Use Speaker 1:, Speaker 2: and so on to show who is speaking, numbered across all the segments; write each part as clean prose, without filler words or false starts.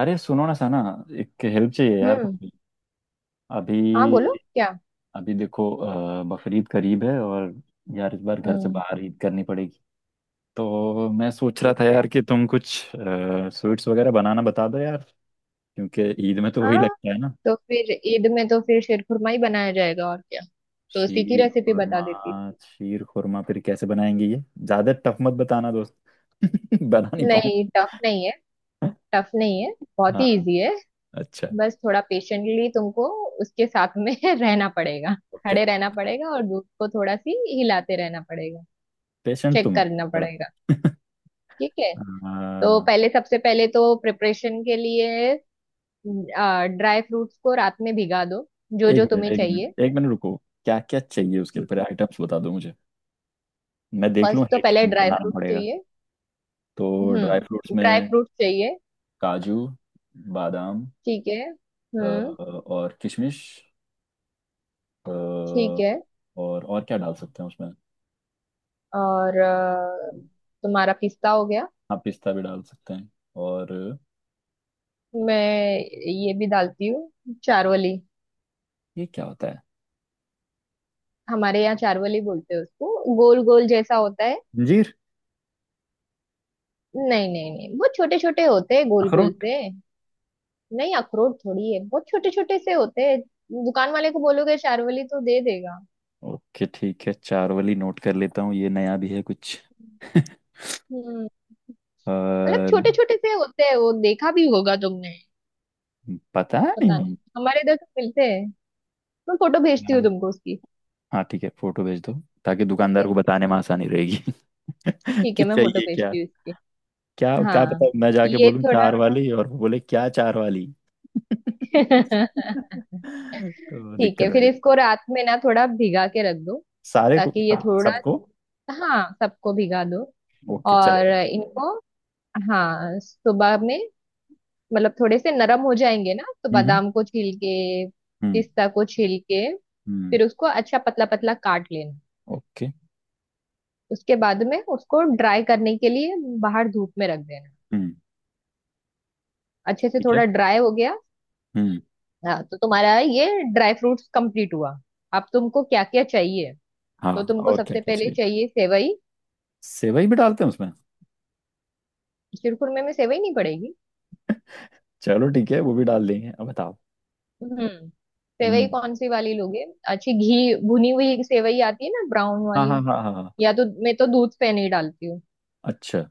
Speaker 1: अरे सुनो ना साना। एक हेल्प चाहिए यार
Speaker 2: हम्म।
Speaker 1: तुमसे।
Speaker 2: हाँ बोलो
Speaker 1: अभी।
Speaker 2: क्या।
Speaker 1: अभी देखो बकरीद करीब है और यार इस बार घर से
Speaker 2: हम्म।
Speaker 1: बाहर ईद करनी पड़ेगी। तो मैं सोच रहा
Speaker 2: ठीक
Speaker 1: था
Speaker 2: है।
Speaker 1: यार कि तुम कुछ स्वीट्स वगैरह बनाना बता दो यार। क्योंकि ईद में तो वही
Speaker 2: हाँ
Speaker 1: लगता है ना।
Speaker 2: तो फिर ईद में तो फिर शेरखुरमा ही बनाया जाएगा और क्या। तो उसी की
Speaker 1: शीर
Speaker 2: रेसिपी बता
Speaker 1: खुरमा।
Speaker 2: देती
Speaker 1: शीर खुरमा फिर कैसे बनाएंगे ये ज्यादा टफ मत बताना दोस्त। बना नहीं
Speaker 2: हूँ। नहीं
Speaker 1: पाऊंगा।
Speaker 2: टफ नहीं है। टफ नहीं है। बहुत ही
Speaker 1: हाँ।
Speaker 2: इजी है।
Speaker 1: अच्छा।
Speaker 2: बस थोड़ा पेशेंटली तुमको उसके साथ में रहना पड़ेगा।
Speaker 1: ओके।
Speaker 2: खड़े रहना पड़ेगा और दूध को थोड़ा सी हिलाते रहना पड़ेगा।
Speaker 1: पेशेंट तुम
Speaker 2: चेक
Speaker 1: हो
Speaker 2: करना
Speaker 1: पर-
Speaker 2: पड़ेगा। ठीक है। तो
Speaker 1: हाँ।
Speaker 2: पहले सबसे पहले तो प्रिपरेशन के लिए ड्राई फ्रूट्स को रात में भिगा दो। जो
Speaker 1: एक
Speaker 2: जो
Speaker 1: मिनट
Speaker 2: तुम्हें
Speaker 1: एक
Speaker 2: चाहिए।
Speaker 1: मिनट एक मिनट रुको। क्या क्या चाहिए उसके लिए पहले आइटम्स बता दो मुझे। मैं देख
Speaker 2: फर्स्ट
Speaker 1: लूँ
Speaker 2: तो
Speaker 1: है कि
Speaker 2: पहले
Speaker 1: नहीं
Speaker 2: ड्राई
Speaker 1: बनाना
Speaker 2: फ्रूट
Speaker 1: पड़ेगा।
Speaker 2: चाहिए।
Speaker 1: तो ड्राई फ्रूट्स
Speaker 2: ड्राई
Speaker 1: में
Speaker 2: फ्रूट चाहिए।
Speaker 1: काजू, बादाम,
Speaker 2: ठीक है।
Speaker 1: और किशमिश।
Speaker 2: ठीक
Speaker 1: अ,
Speaker 2: है।
Speaker 1: और क्या डाल सकते हैं उसमें।
Speaker 2: और तुम्हारा पिस्ता हो गया।
Speaker 1: हाँ पिस्ता भी डाल सकते हैं। और
Speaker 2: मैं ये भी डालती हूँ चारोली।
Speaker 1: ये क्या होता है।
Speaker 2: हमारे यहाँ चारोली बोलते हैं उसको, गोल गोल जैसा होता है।
Speaker 1: अंजीर।
Speaker 2: नहीं नहीं नहीं, बहुत छोटे छोटे होते हैं गोल गोल
Speaker 1: अखरोट।
Speaker 2: से। नहीं अखरोट थोड़ी है, बहुत छोटे छोटे से होते हैं। दुकान वाले को बोलोगे चारोली तो दे देगा।
Speaker 1: ओके ठीक है चार वाली नोट कर लेता हूँ ये नया भी है कुछ।
Speaker 2: हम्म मतलब
Speaker 1: और
Speaker 2: छोटे छोटे से होते हैं, वो देखा भी होगा तुमने।
Speaker 1: पता
Speaker 2: पता
Speaker 1: नहीं।
Speaker 2: नहीं, हमारे इधर तो मिलते हैं। मैं फोटो भेजती हूँ तुमको उसकी।
Speaker 1: हाँ ठीक है फोटो भेज दो, ताकि
Speaker 2: ठीक
Speaker 1: दुकानदार
Speaker 2: है।
Speaker 1: को बताने में आसानी रहेगी।
Speaker 2: ठीक
Speaker 1: कि
Speaker 2: है मैं फोटो
Speaker 1: चाहिए क्या।
Speaker 2: भेजती हूँ इसकी।
Speaker 1: क्या क्या
Speaker 2: हाँ
Speaker 1: पता मैं जाके
Speaker 2: ये
Speaker 1: बोलूं चार
Speaker 2: थोड़ा
Speaker 1: वाली और वो बोले क्या चार वाली। तो
Speaker 2: ठीक
Speaker 1: दिक्कत
Speaker 2: है
Speaker 1: हो
Speaker 2: फिर
Speaker 1: जाए
Speaker 2: इसको रात में ना थोड़ा भिगा के रख दो,
Speaker 1: सारे को,
Speaker 2: ताकि ये थोड़ा।
Speaker 1: सबको।
Speaker 2: हाँ सबको भिगा दो।
Speaker 1: ओके
Speaker 2: और
Speaker 1: चलेगा।
Speaker 2: इनको। हाँ सुबह में। मतलब थोड़े से नरम हो जाएंगे ना तो
Speaker 1: हम्म हम्म
Speaker 2: बादाम को छील के,
Speaker 1: हम्म
Speaker 2: पिस्ता को छील के,
Speaker 1: हम्म।
Speaker 2: फिर उसको अच्छा पतला पतला काट लेना।
Speaker 1: ओके।
Speaker 2: उसके बाद में उसको ड्राई करने के लिए बाहर धूप में रख देना।
Speaker 1: हम्म।
Speaker 2: अच्छे से
Speaker 1: ठीक है।
Speaker 2: थोड़ा ड्राई हो गया।
Speaker 1: हम्म।
Speaker 2: हाँ तो तुम्हारा ये ड्राई फ्रूट्स कंप्लीट हुआ। अब तुमको क्या क्या चाहिए।
Speaker 1: हाँ
Speaker 2: तो तुमको
Speaker 1: और क्या
Speaker 2: सबसे
Speaker 1: क्या
Speaker 2: पहले
Speaker 1: चाहिए।
Speaker 2: चाहिए सेवई।
Speaker 1: सेवई भी डालते हैं उसमें।
Speaker 2: शिरखुरमे में सेवई नहीं पड़ेगी।
Speaker 1: चलो ठीक है वो भी डाल देंगे अब बताओ।
Speaker 2: हम्म। सेवई
Speaker 1: हम्म।
Speaker 2: कौन सी वाली लोगे। अच्छी घी भुनी हुई सेवई आती है ना, ब्राउन
Speaker 1: हाँ हाँ
Speaker 2: वाली।
Speaker 1: हाँ हाँ हाँ।
Speaker 2: या तो मैं तो दूध पे नहीं डालती हूँ।
Speaker 1: अच्छा।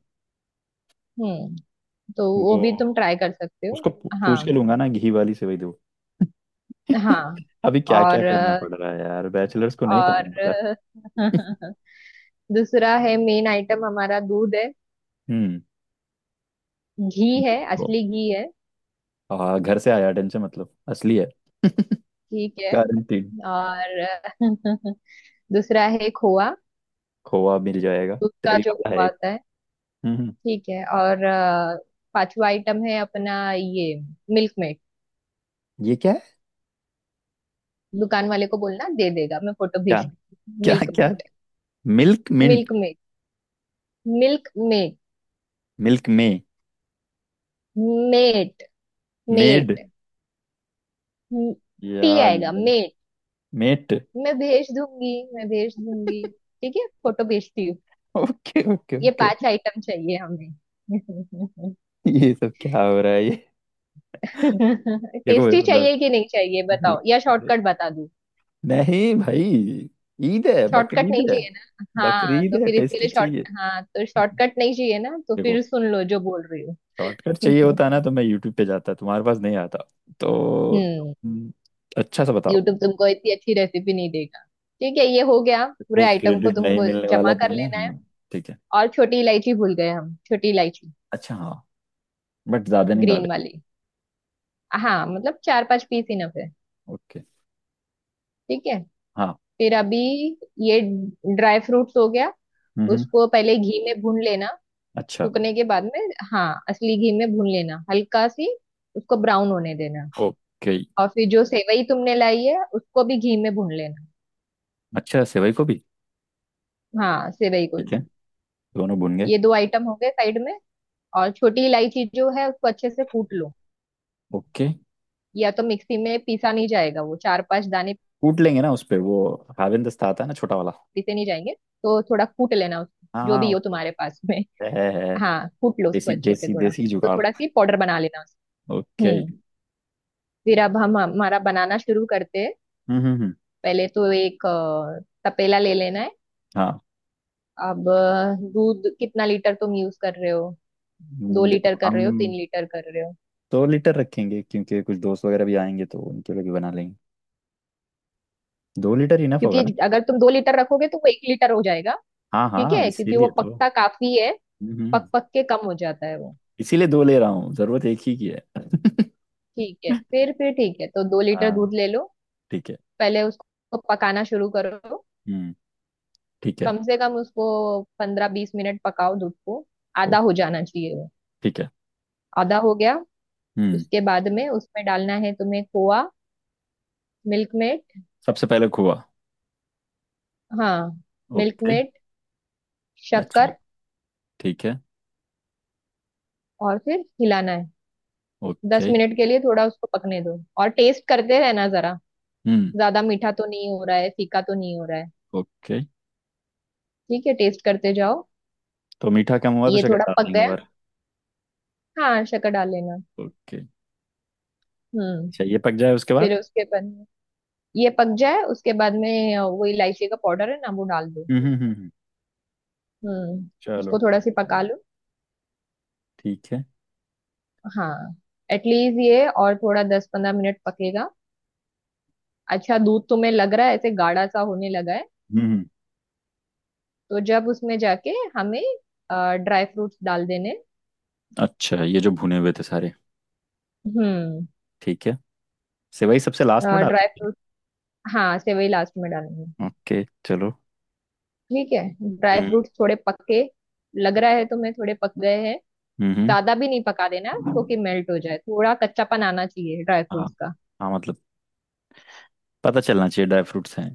Speaker 2: हम्म। तो वो
Speaker 1: वो
Speaker 2: भी तुम ट्राई कर सकते हो।
Speaker 1: उसको
Speaker 2: हाँ।
Speaker 1: पूछ के लूंगा ना घी वाली सेवई दो।
Speaker 2: हाँ
Speaker 1: अभी क्या क्या
Speaker 2: और
Speaker 1: करना पड़ रहा है यार बैचलर्स को नहीं पता
Speaker 2: और
Speaker 1: होता।
Speaker 2: अ, दूसरा है मेन आइटम, हमारा दूध है।
Speaker 1: हम्म।
Speaker 2: घी है,
Speaker 1: वो,
Speaker 2: असली घी है।
Speaker 1: हाँ घर से आया टेंशन, मतलब असली है।
Speaker 2: ठीक है
Speaker 1: गारंटीड।
Speaker 2: और दूसरा है खोआ।
Speaker 1: खोआ मिल जाएगा।
Speaker 2: दूध का
Speaker 1: तेरी
Speaker 2: जो
Speaker 1: वाला है
Speaker 2: खोआ
Speaker 1: एक।
Speaker 2: होता है।
Speaker 1: हम्म।
Speaker 2: ठीक है और पांचवा आइटम है अपना ये मिल्क मेड।
Speaker 1: ये क्या है।
Speaker 2: दुकान वाले को बोलना दे देगा, मैं फोटो
Speaker 1: क्या।
Speaker 2: भेज।
Speaker 1: क्या
Speaker 2: मिल्क
Speaker 1: क्या।
Speaker 2: Maid.
Speaker 1: Milk mint.
Speaker 2: Milkmaid. Milkmaid.
Speaker 1: Milk में।
Speaker 2: मेट।
Speaker 1: मेड।
Speaker 2: मेट। टी
Speaker 1: यार।
Speaker 2: आएगा मेट।
Speaker 1: मेट।
Speaker 2: मैं भेज दूंगी मैं भेज दूंगी। ठीक है फोटो भेजती हूँ।
Speaker 1: ओके ओके
Speaker 2: ये
Speaker 1: ओके।
Speaker 2: पांच आइटम चाहिए हमें।
Speaker 1: ये सब क्या हो रहा है ये। देखो
Speaker 2: टेस्टी
Speaker 1: मतलब।
Speaker 2: चाहिए कि नहीं चाहिए बताओ, या
Speaker 1: अरे।
Speaker 2: शॉर्टकट बता।
Speaker 1: नहीं भाई। ईद है,
Speaker 2: शॉर्टकट
Speaker 1: बकरीद
Speaker 2: नहीं
Speaker 1: है।
Speaker 2: चाहिए ना, हाँ
Speaker 1: बकरीद
Speaker 2: तो
Speaker 1: है
Speaker 2: फिर इसके
Speaker 1: टेस्टी
Speaker 2: लिए शॉर्ट।
Speaker 1: चाहिए।
Speaker 2: हाँ तो शॉर्टकट नहीं चाहिए ना, तो
Speaker 1: देखो।
Speaker 2: फिर सुन लो जो बोल रही
Speaker 1: शॉर्टकट चाहिए
Speaker 2: हूँ।
Speaker 1: होता ना तो मैं यूट्यूब पे जाता, तुम्हारे पास नहीं आता। तो
Speaker 2: हम्म।
Speaker 1: तुम अच्छा सा बताओ।
Speaker 2: यूट्यूब तुमको इतनी अच्छी रेसिपी नहीं देगा। ठीक है ये हो गया, पूरे
Speaker 1: देखो
Speaker 2: आइटम को
Speaker 1: क्रेडिट नहीं
Speaker 2: तुमको
Speaker 1: मिलने वाला
Speaker 2: जमा कर
Speaker 1: तुम्हें
Speaker 2: लेना है।
Speaker 1: हाँ। ठीक है।
Speaker 2: और छोटी इलायची भूल गए हम, छोटी इलायची,
Speaker 1: अच्छा हाँ। बट ज्यादा नहीं
Speaker 2: ग्रीन
Speaker 1: डालेगा।
Speaker 2: वाली। हाँ मतलब 4 5 पीस इनफ है।
Speaker 1: ओके।
Speaker 2: ठीक है।
Speaker 1: हाँ।
Speaker 2: फिर अभी ये ड्राई फ्रूट्स हो गया,
Speaker 1: हम्म।
Speaker 2: उसको पहले घी में भून लेना।
Speaker 1: अच्छा।
Speaker 2: सूखने के बाद में हाँ असली घी में भून लेना, हल्का सी उसको ब्राउन होने देना।
Speaker 1: ओके।
Speaker 2: और फिर जो सेवई तुमने लाई है उसको भी घी में भून लेना।
Speaker 1: अच्छा सेवई को भी।
Speaker 2: हाँ सेवई को
Speaker 1: ठीक है,
Speaker 2: भी।
Speaker 1: दोनों भून गए।
Speaker 2: ये दो आइटम हो गए साइड में। और छोटी इलायची जो है उसको अच्छे से कूट लो।
Speaker 1: ओके।
Speaker 2: या तो मिक्सी में पीसा नहीं जाएगा वो 4 5 दाने,
Speaker 1: कूट लेंगे ना उस पे। वो हावेन दस्ता आता है ना छोटा वाला।
Speaker 2: पीसे नहीं जाएंगे। तो थोड़ा कूट लेना उसको
Speaker 1: हाँ
Speaker 2: जो
Speaker 1: हाँ
Speaker 2: भी
Speaker 1: उस
Speaker 2: हो तुम्हारे
Speaker 1: पे।
Speaker 2: पास में।
Speaker 1: है है।
Speaker 2: हाँ कूट लो उसको
Speaker 1: देसी
Speaker 2: अच्छे से
Speaker 1: देसी
Speaker 2: थोड़ा।
Speaker 1: देसी
Speaker 2: तो
Speaker 1: जुगाड़।
Speaker 2: थोड़ा सी पाउडर बना लेना उसको।
Speaker 1: ओके
Speaker 2: हम्म।
Speaker 1: हम्म।
Speaker 2: फिर अब हम हमारा बनाना शुरू करते हैं।
Speaker 1: हम्म।
Speaker 2: पहले तो एक तपेला ले लेना है।
Speaker 1: हाँ।
Speaker 2: अब दूध कितना लीटर तुम यूज कर रहे हो। दो
Speaker 1: हम्म। देखो
Speaker 2: लीटर कर
Speaker 1: हम
Speaker 2: रहे हो, 3 लीटर कर रहे हो।
Speaker 1: दो लीटर रखेंगे क्योंकि कुछ दोस्त वगैरह भी आएंगे तो उनके लिए भी बना लेंगे। दो लीटर इनफ होगा ना।
Speaker 2: क्योंकि अगर तुम 2 लीटर रखोगे तो वो 1 लीटर हो जाएगा।
Speaker 1: हाँ
Speaker 2: ठीक
Speaker 1: हाँ
Speaker 2: है क्योंकि वो
Speaker 1: इसीलिए तो।
Speaker 2: पकता काफी है।
Speaker 1: हम्म।
Speaker 2: पक पक के कम हो जाता है वो।
Speaker 1: इसीलिए दो ले रहा हूँ, जरूरत एक ही की है।
Speaker 2: ठीक है फिर ठीक है, तो 2 लीटर
Speaker 1: हाँ।
Speaker 2: दूध ले लो।
Speaker 1: ठीक है।
Speaker 2: पहले उसको पकाना शुरू करो।
Speaker 1: हम्म। ठीक है।
Speaker 2: कम से कम उसको 15 20 मिनट पकाओ दूध को।
Speaker 1: ओ।
Speaker 2: आधा हो जाना चाहिए वो।
Speaker 1: ठीक है।
Speaker 2: आधा हो गया,
Speaker 1: हम्म।
Speaker 2: उसके बाद में उसमें डालना है तुम्हें खोआ, मिल्क मेट।
Speaker 1: सबसे पहले खोआ।
Speaker 2: हाँ मिल्क
Speaker 1: ओके।
Speaker 2: मेट,
Speaker 1: अच्छा।
Speaker 2: शक्कर।
Speaker 1: ठीक है।
Speaker 2: और फिर हिलाना है। दस
Speaker 1: ओके।
Speaker 2: मिनट के लिए थोड़ा उसको पकने दो और टेस्ट करते रहना जरा।
Speaker 1: हम्म।
Speaker 2: ज्यादा मीठा तो नहीं हो रहा है, फीका तो नहीं हो रहा है।
Speaker 1: ओके।
Speaker 2: ठीक है टेस्ट करते जाओ।
Speaker 1: तो मीठा कम हुआ तो
Speaker 2: ये
Speaker 1: शक्कर
Speaker 2: थोड़ा
Speaker 1: डाल
Speaker 2: पक
Speaker 1: देंगे
Speaker 2: गया।
Speaker 1: और।
Speaker 2: हाँ शक्कर डाल लेना।
Speaker 1: ओके।
Speaker 2: हम्म।
Speaker 1: अच्छा ये पक जाए उसके बाद।
Speaker 2: फिर उसके बाद, ये पक जाए उसके बाद में वो इलायची का पाउडर है ना वो डाल दो।
Speaker 1: हम्म।
Speaker 2: हम्म
Speaker 1: चलो
Speaker 2: उसको थोड़ा
Speaker 1: ठीक।
Speaker 2: सी पका लो।
Speaker 1: ठीक है।
Speaker 2: हाँ एटलीस्ट ये और थोड़ा 10 15 मिनट पकेगा। अच्छा दूध तुम्हें लग रहा है ऐसे गाढ़ा सा होने लगा है,
Speaker 1: हम्म।
Speaker 2: तो जब उसमें जाके हमें ड्राई फ्रूट्स डाल देने।
Speaker 1: अच्छा ये जो भुने हुए थे सारे।
Speaker 2: हम्म।
Speaker 1: ठीक है। सेवई सबसे लास्ट में डाल।
Speaker 2: ड्राई फ्रूट, हाँ सेवई लास्ट में डालेंगे।
Speaker 1: ओके चलो।
Speaker 2: ठीक है। ड्राई
Speaker 1: हम्म।
Speaker 2: फ्रूट्स थोड़े पक्के लग रहा है तुम्हें, थोड़े पक गए हैं।
Speaker 1: हम्म।
Speaker 2: ज्यादा भी नहीं पका देना तो कि मेल्ट हो जाए, थोड़ा कच्चापन आना चाहिए ड्राई
Speaker 1: हाँ
Speaker 2: फ्रूट्स का।
Speaker 1: हाँ मतलब पता चलना चाहिए ड्राई फ्रूट्स हैं।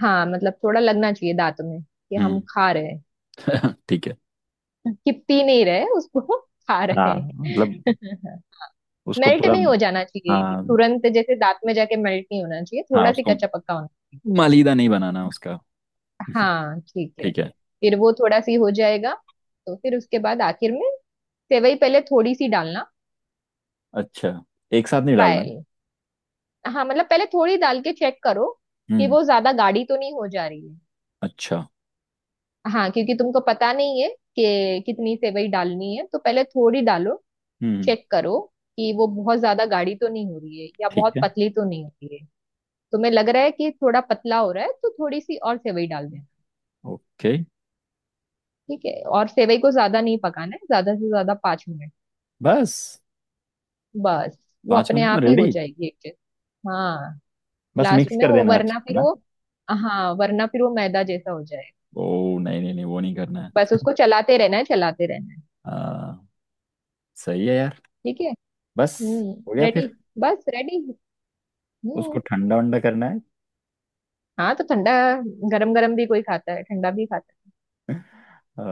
Speaker 2: हाँ मतलब थोड़ा लगना चाहिए दांतों में कि हम
Speaker 1: हम्म।
Speaker 2: खा रहे हैं,
Speaker 1: ठीक है।
Speaker 2: कि पी नहीं रहे उसको, खा रहे
Speaker 1: हाँ
Speaker 2: हैं।
Speaker 1: मतलब उसको
Speaker 2: मेल्ट
Speaker 1: पूरा।
Speaker 2: नहीं हो जाना चाहिए
Speaker 1: हाँ।
Speaker 2: तुरंत, जैसे दांत में जाके मेल्ट नहीं होना चाहिए,
Speaker 1: हाँ
Speaker 2: थोड़ा सी
Speaker 1: उसको
Speaker 2: कच्चा पक्का होना चाहिए।
Speaker 1: मालीदा नहीं बनाना उसका।
Speaker 2: हाँ ठीक है।
Speaker 1: ठीक है।
Speaker 2: फिर वो थोड़ा सी हो जाएगा, तो फिर उसके बाद आखिर में सेवई पहले थोड़ी सी डालना।
Speaker 1: अच्छा एक साथ नहीं डालना।
Speaker 2: ट्रायल, हाँ मतलब पहले थोड़ी डाल के चेक करो कि
Speaker 1: हम्म।
Speaker 2: वो ज्यादा गाढ़ी तो नहीं हो जा रही है।
Speaker 1: अच्छा।
Speaker 2: हाँ क्योंकि तुमको पता नहीं है कि कितनी सेवई डालनी है, तो पहले थोड़ी डालो,
Speaker 1: हम्म।
Speaker 2: चेक करो कि वो बहुत ज्यादा गाढ़ी तो नहीं हो रही है या
Speaker 1: ठीक
Speaker 2: बहुत
Speaker 1: है।
Speaker 2: पतली तो नहीं हो रही है। तुम्हें लग रहा है कि थोड़ा पतला हो रहा है तो थोड़ी सी और सेवई डाल देना।
Speaker 1: ओके।
Speaker 2: ठीक है। और सेवई को ज्यादा नहीं पकाना है, ज्यादा से ज्यादा 5 मिनट
Speaker 1: बस।
Speaker 2: बस। वो
Speaker 1: पाँच
Speaker 2: अपने
Speaker 1: मिनट में
Speaker 2: आप ही हो
Speaker 1: रेडी।
Speaker 2: जाएगी एक चीज। हाँ
Speaker 1: बस
Speaker 2: लास्ट
Speaker 1: मिक्स
Speaker 2: में
Speaker 1: कर
Speaker 2: वो
Speaker 1: देना अच्छे
Speaker 2: वरना
Speaker 1: से
Speaker 2: फिर
Speaker 1: ना।
Speaker 2: वो, हाँ वरना फिर वो मैदा जैसा हो जाएगा।
Speaker 1: ओ नहीं नहीं नहीं वो नहीं करना है।
Speaker 2: बस उसको चलाते रहना है, चलाते रहना है।
Speaker 1: आ, सही है यार।
Speaker 2: ठीक है।
Speaker 1: बस। हो गया
Speaker 2: रेडी।
Speaker 1: फिर।
Speaker 2: बस रेडी।
Speaker 1: उसको
Speaker 2: हम्म।
Speaker 1: ठंडा वंडा करना है।
Speaker 2: हाँ तो ठंडा, गरम गरम भी कोई खाता है, ठंडा भी खाता
Speaker 1: अ,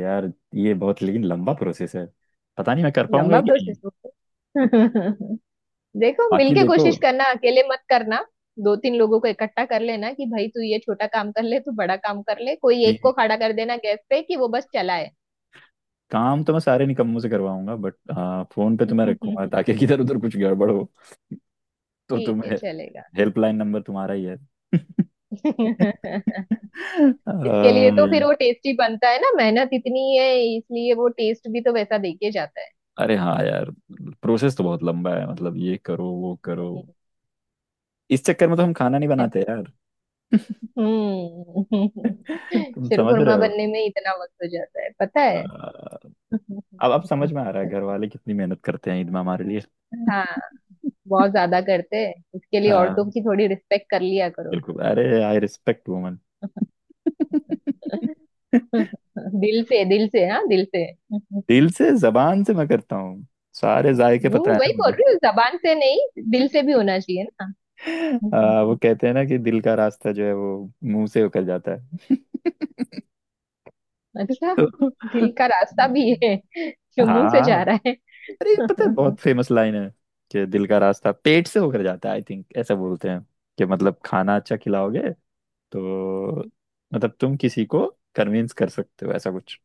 Speaker 1: यार ये बहुत लेकिन लंबा प्रोसेस है, पता नहीं मैं कर
Speaker 2: है।
Speaker 1: पाऊंगा
Speaker 2: लंबा
Speaker 1: कि नहीं।
Speaker 2: प्रोसेस होता है। देखो
Speaker 1: बाकी
Speaker 2: मिलके
Speaker 1: देखो।
Speaker 2: कोशिश करना, अकेले मत करना। 2 3 लोगों को इकट्ठा कर लेना कि भाई तू ये छोटा काम कर ले, तू बड़ा काम कर ले, कोई एक
Speaker 1: ये
Speaker 2: को खड़ा कर देना गैस पे कि वो बस चलाए।
Speaker 1: काम तो मैं सारे निकम्मों से करवाऊंगा, बट हाँ फोन पे तुम्हें रखूंगा
Speaker 2: ठीक
Speaker 1: ताकि किधर उधर कुछ गड़बड़ हो तो
Speaker 2: है
Speaker 1: तुम्हें
Speaker 2: चलेगा।
Speaker 1: हेल्पलाइन नंबर तुम्हारा ही है।
Speaker 2: इसके लिए तो फिर
Speaker 1: अ,
Speaker 2: वो टेस्टी बनता है ना, मेहनत इतनी है इसलिए वो टेस्ट भी तो वैसा देके जाता है।
Speaker 1: अरे हाँ यार। प्रोसेस तो बहुत लंबा है, मतलब ये करो वो करो। इस चक्कर में तो हम खाना नहीं बनाते
Speaker 2: हम्म।
Speaker 1: यार।
Speaker 2: हम्म।
Speaker 1: तुम समझ रहे
Speaker 2: शिरखुरमा
Speaker 1: हो।
Speaker 2: बनने में इतना वक्त हो जाता है पता है।
Speaker 1: अ, अब समझ में आ रहा है घर वाले कितनी मेहनत करते हैं ईद में हमारे लिए।
Speaker 2: हाँ, बहुत ज्यादा करते हैं इसके लिए, औरतों
Speaker 1: हाँ।
Speaker 2: की थोड़ी रिस्पेक्ट कर लिया करो।
Speaker 1: बिल्कुल, अरे आई रिस्पेक्ट वुमन।
Speaker 2: दिल से, दिल से, हाँ दिल से। हम्म।
Speaker 1: दिल से, जबान से मैं करता हूँ। सारे जायके पता है ना
Speaker 2: वही बोल
Speaker 1: मुझे।
Speaker 2: रही हूँ, जबान से नहीं दिल से भी होना चाहिए ना।
Speaker 1: वो कहते हैं ना कि दिल का रास्ता जो है वो मुंह से होकर जाता है।
Speaker 2: अच्छा,
Speaker 1: तो
Speaker 2: दिल का रास्ता भी है जो मुंह से
Speaker 1: हाँ
Speaker 2: जा रहा है।
Speaker 1: अरे ये पता है बहुत फेमस लाइन है कि दिल का रास्ता पेट से होकर जाता है, आई थिंक ऐसा बोलते हैं। कि मतलब खाना अच्छा खिलाओगे तो मतलब तुम किसी को कन्विंस कर सकते हो ऐसा कुछ।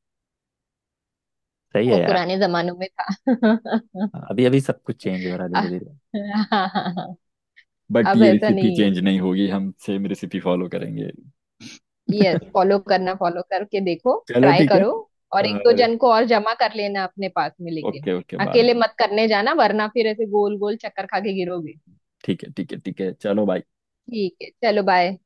Speaker 1: सही
Speaker 2: वो
Speaker 1: है यार।
Speaker 2: पुराने जमानों में था।
Speaker 1: अभी अभी सब कुछ चेंज हो रहा है
Speaker 2: हाँ,
Speaker 1: धीरे धीरे।
Speaker 2: हाँ, हाँ, हाँ,
Speaker 1: बट
Speaker 2: अब
Speaker 1: ये
Speaker 2: ऐसा
Speaker 1: रेसिपी
Speaker 2: नहीं है।
Speaker 1: चेंज नहीं होगी, हम सेम रेसिपी फॉलो करेंगे।
Speaker 2: यस फॉलो करना, फॉलो करके देखो,
Speaker 1: चलो
Speaker 2: ट्राई
Speaker 1: ठीक है।
Speaker 2: करो। और एक दो
Speaker 1: और
Speaker 2: जन को और जमा कर लेना अपने पास में लेकिन,
Speaker 1: ओके ओके बाद
Speaker 2: अकेले
Speaker 1: में।
Speaker 2: मत करने जाना वरना फिर ऐसे गोल गोल चक्कर खा के गिरोगे।
Speaker 1: ठीक है ठीक है ठीक है चलो बाय।
Speaker 2: ठीक है चलो बाय।